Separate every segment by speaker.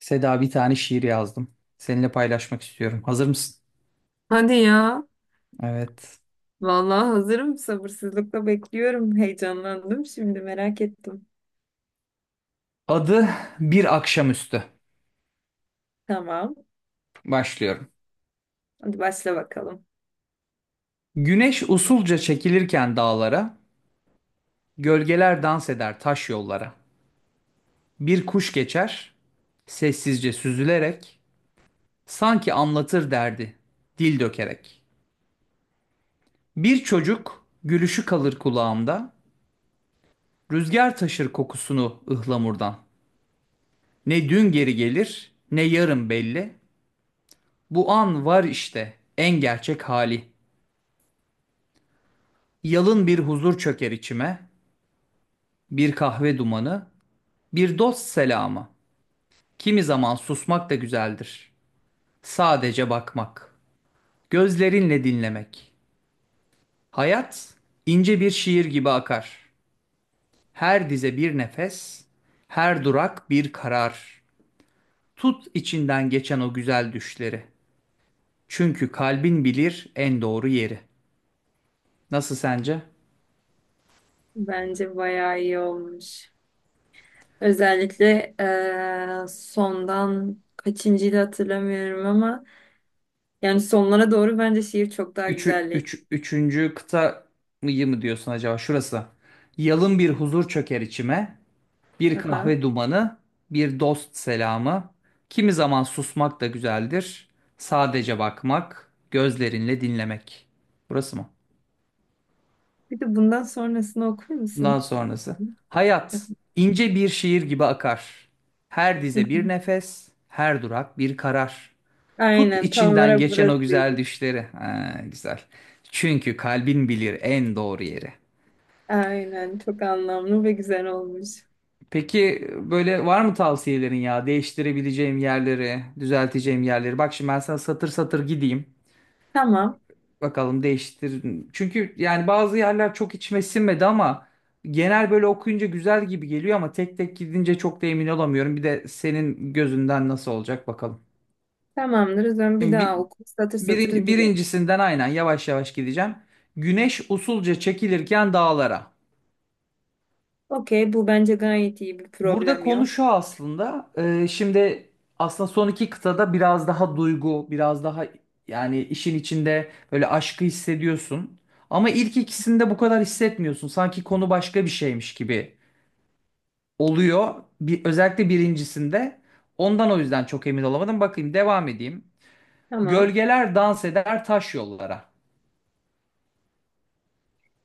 Speaker 1: Seda bir tane şiir yazdım. Seninle paylaşmak istiyorum. Hazır mısın?
Speaker 2: Hadi ya.
Speaker 1: Evet.
Speaker 2: Vallahi hazırım. Sabırsızlıkla bekliyorum. Heyecanlandım şimdi merak ettim.
Speaker 1: Adı Bir Akşamüstü.
Speaker 2: Tamam.
Speaker 1: Başlıyorum.
Speaker 2: Hadi başla bakalım.
Speaker 1: Güneş usulca çekilirken dağlara, gölgeler dans eder taş yollara. Bir kuş geçer, sessizce süzülerek, sanki anlatır derdi, dil dökerek. Bir çocuk gülüşü kalır kulağımda, rüzgar taşır kokusunu ıhlamurdan. Ne dün geri gelir, ne yarın belli. Bu an var işte en gerçek hali. Yalın bir huzur çöker içime, bir kahve dumanı, bir dost selamı. Kimi zaman susmak da güzeldir. Sadece bakmak, gözlerinle dinlemek. Hayat ince bir şiir gibi akar. Her dize bir nefes, her durak bir karar. Tut içinden geçen o güzel düşleri. Çünkü kalbin bilir en doğru yeri. Nasıl sence?
Speaker 2: Bence bayağı iyi olmuş. Özellikle sondan kaçıncıydı hatırlamıyorum ama yani sonlara doğru bence şiir çok daha
Speaker 1: Üçü,
Speaker 2: güzelleşti.
Speaker 1: üç, üçüncü kıta mı diyorsun acaba? Şurası. Yalın bir huzur çöker içime. Bir
Speaker 2: Aha.
Speaker 1: kahve dumanı, bir dost selamı. Kimi zaman susmak da güzeldir. Sadece bakmak, gözlerinle dinlemek. Burası mı?
Speaker 2: Bir de bundan sonrasını okur
Speaker 1: Bundan
Speaker 2: musun?
Speaker 1: sonrası.
Speaker 2: Hı
Speaker 1: Hayat
Speaker 2: hı.
Speaker 1: ince bir şiir gibi akar. Her dize bir nefes, her durak bir karar. Tut
Speaker 2: Aynen tam
Speaker 1: içinden
Speaker 2: olarak
Speaker 1: geçen o güzel
Speaker 2: burasıydı.
Speaker 1: düşleri. Ha, güzel. Çünkü kalbin bilir en doğru yeri.
Speaker 2: Aynen çok anlamlı ve güzel olmuş.
Speaker 1: Peki böyle var mı tavsiyelerin ya? Değiştirebileceğim yerleri, düzelteceğim yerleri. Bak şimdi ben sana satır satır gideyim.
Speaker 2: Tamam.
Speaker 1: Bakalım değiştir. Çünkü yani bazı yerler çok içime sinmedi ama genel böyle okuyunca güzel gibi geliyor ama tek tek gidince çok da emin olamıyorum. Bir de senin gözünden nasıl olacak bakalım.
Speaker 2: Tamamdır. O zaman bir
Speaker 1: Şimdi
Speaker 2: daha oku. Satır satır gidelim.
Speaker 1: birincisinden aynen yavaş yavaş gideceğim. Güneş usulca çekilirken dağlara.
Speaker 2: Okey. Bu bence gayet iyi, bir
Speaker 1: Burada
Speaker 2: problem
Speaker 1: konu
Speaker 2: yok.
Speaker 1: şu aslında. Şimdi aslında son iki kıtada biraz daha duygu, biraz daha yani işin içinde böyle aşkı hissediyorsun. Ama ilk ikisinde bu kadar hissetmiyorsun. Sanki konu başka bir şeymiş gibi oluyor. Özellikle birincisinde. Ondan o yüzden çok emin olamadım. Bakayım devam edeyim.
Speaker 2: Tamam.
Speaker 1: Gölgeler dans eder taş yollara.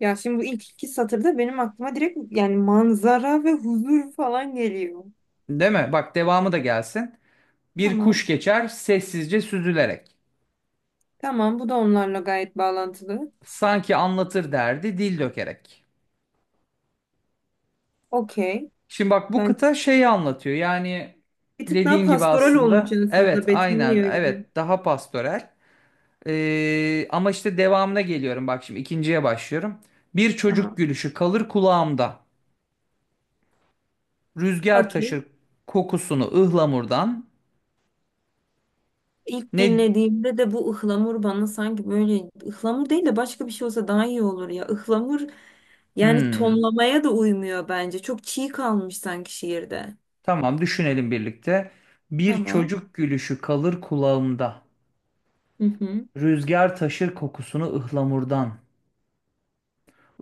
Speaker 2: Ya şimdi bu ilk iki satırda benim aklıma direkt yani manzara ve huzur falan geliyor.
Speaker 1: Değil mi? Bak devamı da gelsin. Bir
Speaker 2: Tamam.
Speaker 1: kuş geçer sessizce süzülerek.
Speaker 2: Tamam. Bu da onlarla gayet bağlantılı.
Speaker 1: Sanki anlatır derdi dil dökerek.
Speaker 2: Okey.
Speaker 1: Şimdi bak bu
Speaker 2: Ben
Speaker 1: kıta şeyi anlatıyor. Yani
Speaker 2: bir tık daha
Speaker 1: dediğin gibi
Speaker 2: pastoral olmuş
Speaker 1: aslında evet
Speaker 2: aslında.
Speaker 1: aynen
Speaker 2: Betimliyor gibi.
Speaker 1: evet daha pastoral. Ama işte devamına geliyorum bak şimdi ikinciye başlıyorum. Bir
Speaker 2: Tamam.
Speaker 1: çocuk gülüşü kalır kulağımda. Rüzgar
Speaker 2: Okey.
Speaker 1: taşır kokusunu ıhlamurdan.
Speaker 2: İlk
Speaker 1: Ne
Speaker 2: dinlediğimde de bu ıhlamur bana sanki böyle ıhlamur değil de başka bir şey olsa daha iyi olur ya. Ihlamur. Yani
Speaker 1: hmm,
Speaker 2: tonlamaya da uymuyor bence. Çok çiğ kalmış sanki şiirde.
Speaker 1: tamam düşünelim birlikte. Bir
Speaker 2: Tamam.
Speaker 1: çocuk gülüşü kalır kulağımda.
Speaker 2: Hı hı.
Speaker 1: Rüzgar taşır kokusunu ıhlamurdan.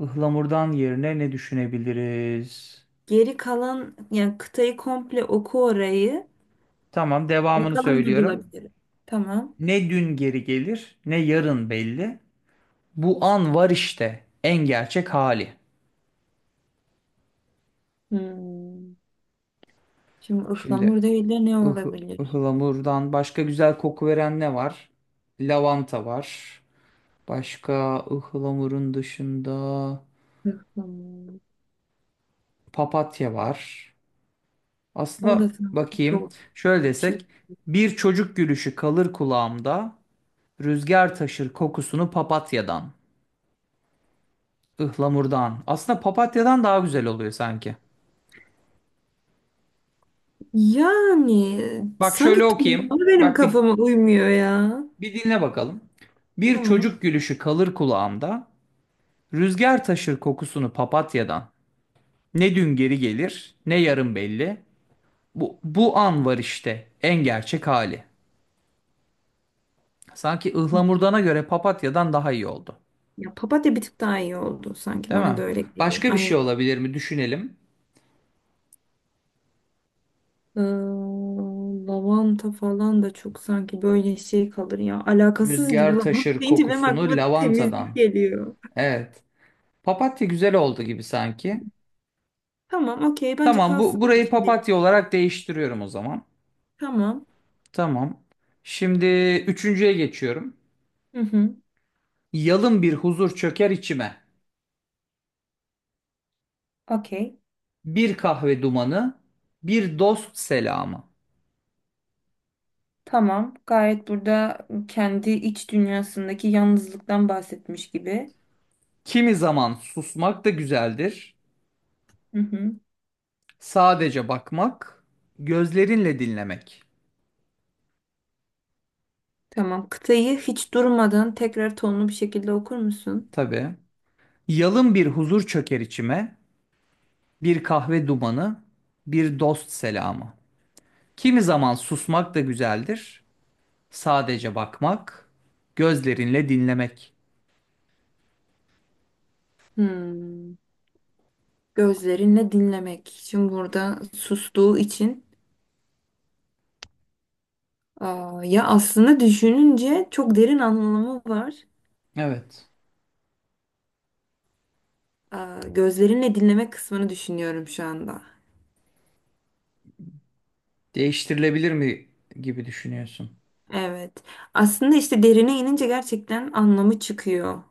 Speaker 1: Ihlamurdan yerine ne düşünebiliriz?
Speaker 2: Geri kalan yani kıtayı komple oku orayı.
Speaker 1: Tamam, devamını
Speaker 2: Bakalım ne
Speaker 1: söylüyorum.
Speaker 2: bulabilirim. Tamam.
Speaker 1: Ne dün geri gelir, ne yarın belli. Bu an var işte, en gerçek hali.
Speaker 2: Hmm. Şimdi
Speaker 1: Şimdi
Speaker 2: ıhlamur değil de ne olabilir?
Speaker 1: ıhlamurdan başka güzel koku veren ne var? Lavanta var. Başka ıhlamurun dışında
Speaker 2: Ihlamur.
Speaker 1: papatya var.
Speaker 2: O da
Speaker 1: Aslında
Speaker 2: sanki
Speaker 1: bakayım,
Speaker 2: çok
Speaker 1: şöyle
Speaker 2: çiğ.
Speaker 1: desek, bir çocuk gülüşü kalır kulağımda, rüzgar taşır kokusunu papatyadan, ıhlamurdan. Aslında papatyadan daha güzel oluyor sanki.
Speaker 2: Yani
Speaker 1: Bak şöyle
Speaker 2: sanki
Speaker 1: okuyayım.
Speaker 2: tonlama benim kafama uymuyor ya.
Speaker 1: Bir dinle bakalım. Bir
Speaker 2: Tamam.
Speaker 1: çocuk gülüşü kalır kulağımda. Rüzgar taşır kokusunu papatyadan. Ne dün geri gelir, ne yarın belli. Bu an var işte en gerçek hali. Sanki
Speaker 2: Hı hı.
Speaker 1: ıhlamurdana göre papatyadan daha iyi oldu.
Speaker 2: Ya papatya bir tık daha iyi oldu sanki,
Speaker 1: Değil
Speaker 2: bana da
Speaker 1: mi?
Speaker 2: öyle geliyor.
Speaker 1: Başka bir şey
Speaker 2: Aynen.
Speaker 1: olabilir mi? Düşünelim.
Speaker 2: Ee, Lavanta falan da çok sanki böyle şey kalır ya. Alakasız gibi
Speaker 1: Rüzgar
Speaker 2: lavanta
Speaker 1: taşır
Speaker 2: deyince benim
Speaker 1: kokusunu
Speaker 2: aklıma temizlik
Speaker 1: lavantadan.
Speaker 2: geliyor.
Speaker 1: Evet. Papatya güzel oldu gibi sanki.
Speaker 2: Tamam, okey. Bence
Speaker 1: Tamam bu
Speaker 2: kalsın bu
Speaker 1: burayı
Speaker 2: şimdilik.
Speaker 1: papatya olarak değiştiriyorum o zaman.
Speaker 2: Tamam.
Speaker 1: Tamam. Şimdi üçüncüye geçiyorum.
Speaker 2: Hı hı.
Speaker 1: Yalın bir huzur çöker içime.
Speaker 2: Okey.
Speaker 1: Bir kahve dumanı, bir dost selamı.
Speaker 2: Tamam. Gayet burada kendi iç dünyasındaki yalnızlıktan bahsetmiş gibi.
Speaker 1: Kimi zaman susmak da güzeldir.
Speaker 2: Hı hı.
Speaker 1: Sadece bakmak, gözlerinle dinlemek.
Speaker 2: Tamam. Kıtayı hiç durmadan tekrar tonlu bir şekilde okur musun?
Speaker 1: Tabii. Yalın bir huzur çöker içime. Bir kahve dumanı, bir dost selamı. Kimi zaman susmak da güzeldir. Sadece bakmak, gözlerinle dinlemek.
Speaker 2: Hmm. Gözlerinle dinlemek. Şimdi burada sustuğu için aa, ya aslında düşününce çok derin anlamı var.
Speaker 1: Evet.
Speaker 2: Aa, gözlerinle dinleme kısmını düşünüyorum şu anda.
Speaker 1: Değiştirilebilir mi gibi düşünüyorsun.
Speaker 2: Evet. Aslında işte derine inince gerçekten anlamı çıkıyor.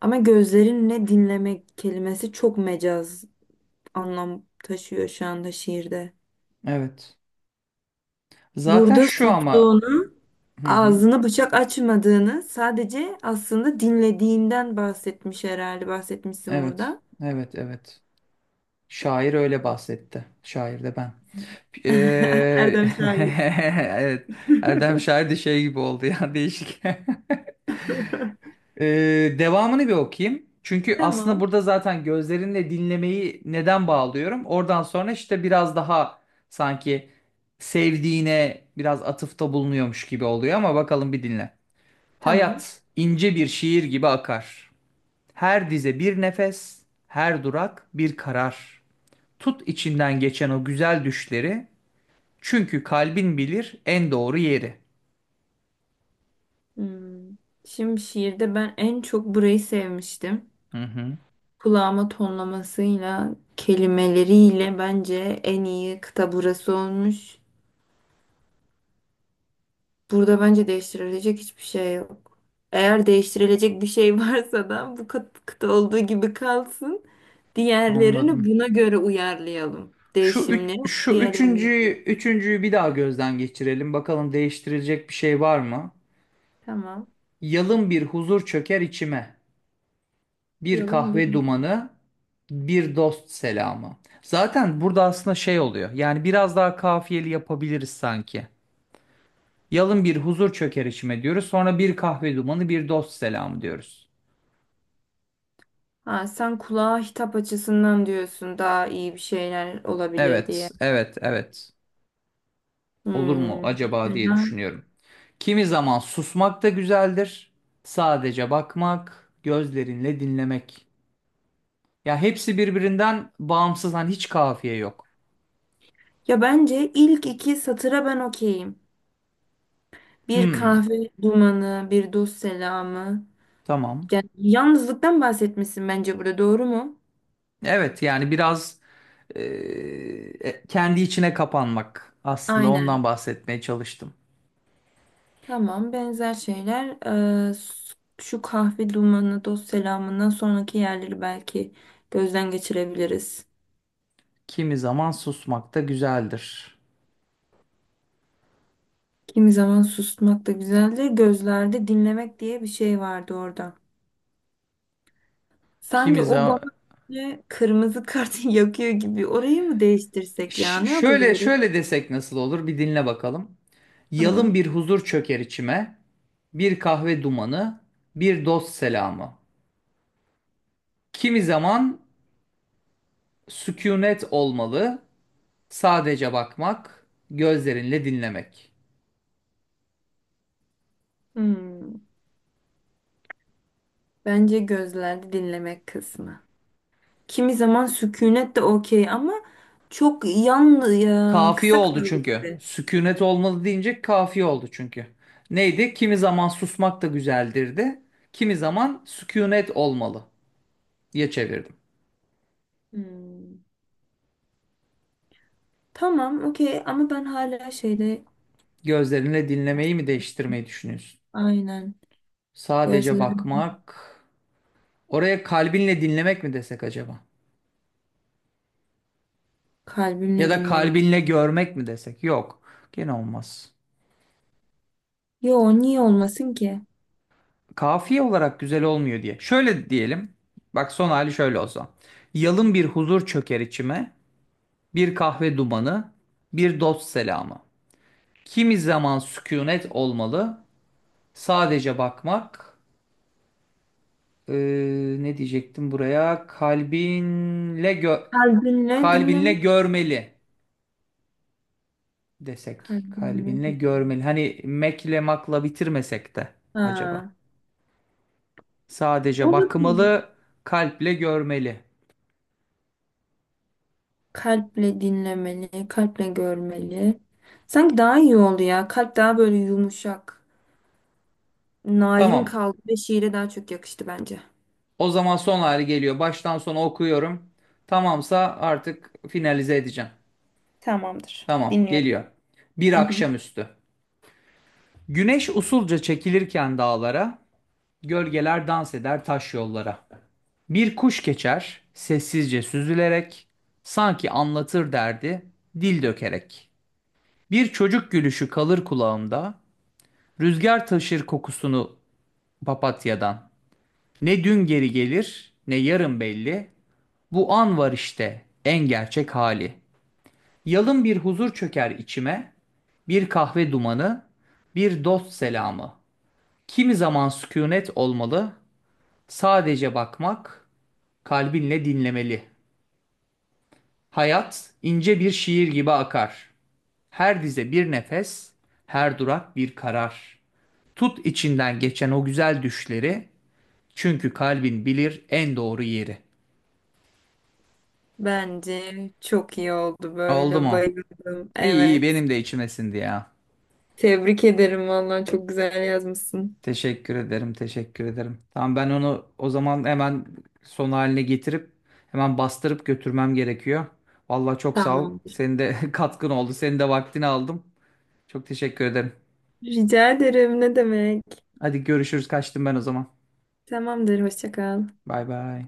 Speaker 2: Ama gözlerinle dinlemek kelimesi çok mecaz anlam taşıyor şu anda şiirde.
Speaker 1: Evet. Zaten
Speaker 2: Burada
Speaker 1: şu ama
Speaker 2: sustuğunu,
Speaker 1: hı hı.
Speaker 2: ağzını bıçak açmadığını sadece aslında dinlediğinden bahsetmiş herhalde. Bahsetmişsin
Speaker 1: Evet.
Speaker 2: burada.
Speaker 1: Evet, evet. Şair öyle bahsetti. Şair de ben. Eee,
Speaker 2: Erdem şair.
Speaker 1: Evet. Erdem Şair de şey gibi oldu ya değişik. Devamını bir okuyayım. Çünkü aslında
Speaker 2: Tamam.
Speaker 1: burada zaten gözlerinle dinlemeyi neden bağlıyorum? Oradan sonra işte biraz daha sanki sevdiğine biraz atıfta bulunuyormuş gibi oluyor ama bakalım bir dinle.
Speaker 2: Tamam.
Speaker 1: Hayat ince bir şiir gibi akar. Her dize bir nefes, her durak bir karar. Tut içinden geçen o güzel düşleri, çünkü kalbin bilir en doğru yeri.
Speaker 2: Hmm. Şimdi şiirde ben en çok burayı sevmiştim.
Speaker 1: Hı hı,
Speaker 2: Kulağıma tonlamasıyla, kelimeleriyle bence en iyi kıta burası olmuş. Burada bence değiştirilecek hiçbir şey yok. Eğer değiştirilecek bir şey varsa da bu kıta olduğu gibi kalsın. Diğerlerini
Speaker 1: anladım.
Speaker 2: buna göre uyarlayalım.
Speaker 1: Şu üç,
Speaker 2: Değişimleri
Speaker 1: şu
Speaker 2: diğerlerine
Speaker 1: üçüncüyü,
Speaker 2: yapalım.
Speaker 1: üçüncüyü bir daha gözden geçirelim. Bakalım değiştirilecek bir şey var mı?
Speaker 2: Tamam.
Speaker 1: Yalın bir huzur çöker içime. Bir
Speaker 2: Yolun
Speaker 1: kahve
Speaker 2: bilmiyorum.
Speaker 1: dumanı, bir dost selamı. Zaten burada aslında şey oluyor. Yani biraz daha kafiyeli yapabiliriz sanki. Yalın bir huzur çöker içime diyoruz. Sonra bir kahve dumanı, bir dost selamı diyoruz.
Speaker 2: Ha, sen kulağa hitap açısından diyorsun daha iyi bir şeyler olabilir
Speaker 1: Evet,
Speaker 2: diye.
Speaker 1: evet, evet. Olur mu
Speaker 2: Hmm,
Speaker 1: acaba diye
Speaker 2: mesela-
Speaker 1: düşünüyorum. Kimi zaman susmak da güzeldir. Sadece bakmak, gözlerinle dinlemek. Ya hepsi birbirinden bağımsız hani hiç kafiye yok.
Speaker 2: Ya bence ilk iki satıra ben okeyim. Bir
Speaker 1: Hmm,
Speaker 2: kahve dumanı, bir dost selamı.
Speaker 1: tamam.
Speaker 2: Yani yalnızlıktan bahsetmişsin bence burada, doğru mu?
Speaker 1: Evet yani biraz eee, kendi içine kapanmak. Aslında
Speaker 2: Aynen.
Speaker 1: ondan bahsetmeye çalıştım.
Speaker 2: Tamam, benzer şeyler. Ee, s- Şu kahve dumanı, dost selamından sonraki yerleri belki gözden geçirebiliriz.
Speaker 1: Kimi zaman susmak da güzeldir.
Speaker 2: Kimi zaman susmak da güzeldir. Gözlerde dinlemek diye bir şey vardı orada. Sanki
Speaker 1: Kimi
Speaker 2: o bana
Speaker 1: zaman
Speaker 2: böyle kırmızı kartı yakıyor gibi. Orayı mı değiştirsek ya? Ne
Speaker 1: Şöyle
Speaker 2: yapabiliriz?
Speaker 1: şöyle desek nasıl olur? Bir dinle bakalım. Yalın
Speaker 2: Tamam.
Speaker 1: bir huzur çöker içime. Bir kahve dumanı, bir dost selamı. Kimi zaman sükunet olmalı. Sadece bakmak, gözlerinle dinlemek.
Speaker 2: Hmm. Bence gözlerde dinlemek kısmı. Kimi zaman sükunet de okey ama çok yan ya,
Speaker 1: Kafiye
Speaker 2: kısa
Speaker 1: oldu
Speaker 2: kaldı
Speaker 1: çünkü.
Speaker 2: gibi.
Speaker 1: Sükunet olmalı deyince kafiye oldu çünkü. Neydi? Kimi zaman susmak da güzeldir de. Kimi zaman sükunet olmalı diye çevirdim.
Speaker 2: Hmm. Tamam, okey ama ben hala şeyde
Speaker 1: Gözlerinle dinlemeyi mi değiştirmeyi düşünüyorsun?
Speaker 2: aynen
Speaker 1: Sadece
Speaker 2: gözler
Speaker 1: bakmak. Oraya kalbinle dinlemek mi desek acaba? Ya
Speaker 2: kalbimle
Speaker 1: da
Speaker 2: dinleme.
Speaker 1: kalbinle görmek mi desek? Yok. Gene olmaz.
Speaker 2: Yo niye olmasın ki?
Speaker 1: Kafiye olarak güzel olmuyor diye. Şöyle diyelim. Bak son hali şöyle olsa. Yalın bir huzur çöker içime. Bir kahve dumanı. Bir dost selamı. Kimi zaman sükunet olmalı. Sadece bakmak. Ee, Ne diyecektim buraya?
Speaker 2: Kalbinle
Speaker 1: Kalbinle
Speaker 2: dinleme.
Speaker 1: görmeli. Desek
Speaker 2: Kalbinle
Speaker 1: kalbinle
Speaker 2: dinleme.
Speaker 1: görmeli. Hani mekle makla bitirmesek de acaba.
Speaker 2: Ha.
Speaker 1: Sadece bakmalı,
Speaker 2: Olabilir.
Speaker 1: kalple görmeli.
Speaker 2: Kalple dinlemeli, kalple görmeli. Sanki daha iyi oldu ya. Kalp daha böyle yumuşak, narin
Speaker 1: Tamam.
Speaker 2: kaldı ve şiire daha çok yakıştı bence.
Speaker 1: O zaman son hali geliyor. Baştan sona okuyorum. Tamamsa artık finalize edeceğim.
Speaker 2: Tamamdır.
Speaker 1: Tamam, geliyor.
Speaker 2: Dinliyorum.
Speaker 1: Bir
Speaker 2: Hı hı.
Speaker 1: akşamüstü. Güneş usulca çekilirken dağlara, gölgeler dans eder taş yollara. Bir kuş geçer, sessizce süzülerek, sanki anlatır derdi, dil dökerek. Bir çocuk gülüşü kalır kulağımda, rüzgar taşır kokusunu papatyadan. Ne dün geri gelir, ne yarın belli, bu an var işte en gerçek hali. Yalın bir huzur çöker içime, bir kahve dumanı, bir dost selamı. Kimi zaman sükunet olmalı, sadece bakmak, kalbinle dinlemeli. Hayat ince bir şiir gibi akar. Her dize bir nefes, her durak bir karar. Tut içinden geçen o güzel düşleri. Çünkü kalbin bilir en doğru yeri.
Speaker 2: Bence çok iyi oldu,
Speaker 1: Oldu
Speaker 2: böyle
Speaker 1: mu?
Speaker 2: bayıldım.
Speaker 1: İyi iyi
Speaker 2: Evet.
Speaker 1: benim de içime sindi ya.
Speaker 2: Tebrik ederim vallahi çok güzel yazmışsın.
Speaker 1: Teşekkür ederim, teşekkür ederim. Tamam ben onu o zaman hemen son haline getirip hemen bastırıp götürmem gerekiyor. Vallahi çok sağ ol.
Speaker 2: Tamam.
Speaker 1: Senin de katkın oldu. Senin de vaktini aldım. Çok teşekkür ederim.
Speaker 2: Rica ederim, ne demek.
Speaker 1: Hadi görüşürüz. Kaçtım ben o zaman.
Speaker 2: Tamamdır, hoşça kal.
Speaker 1: Bay bay.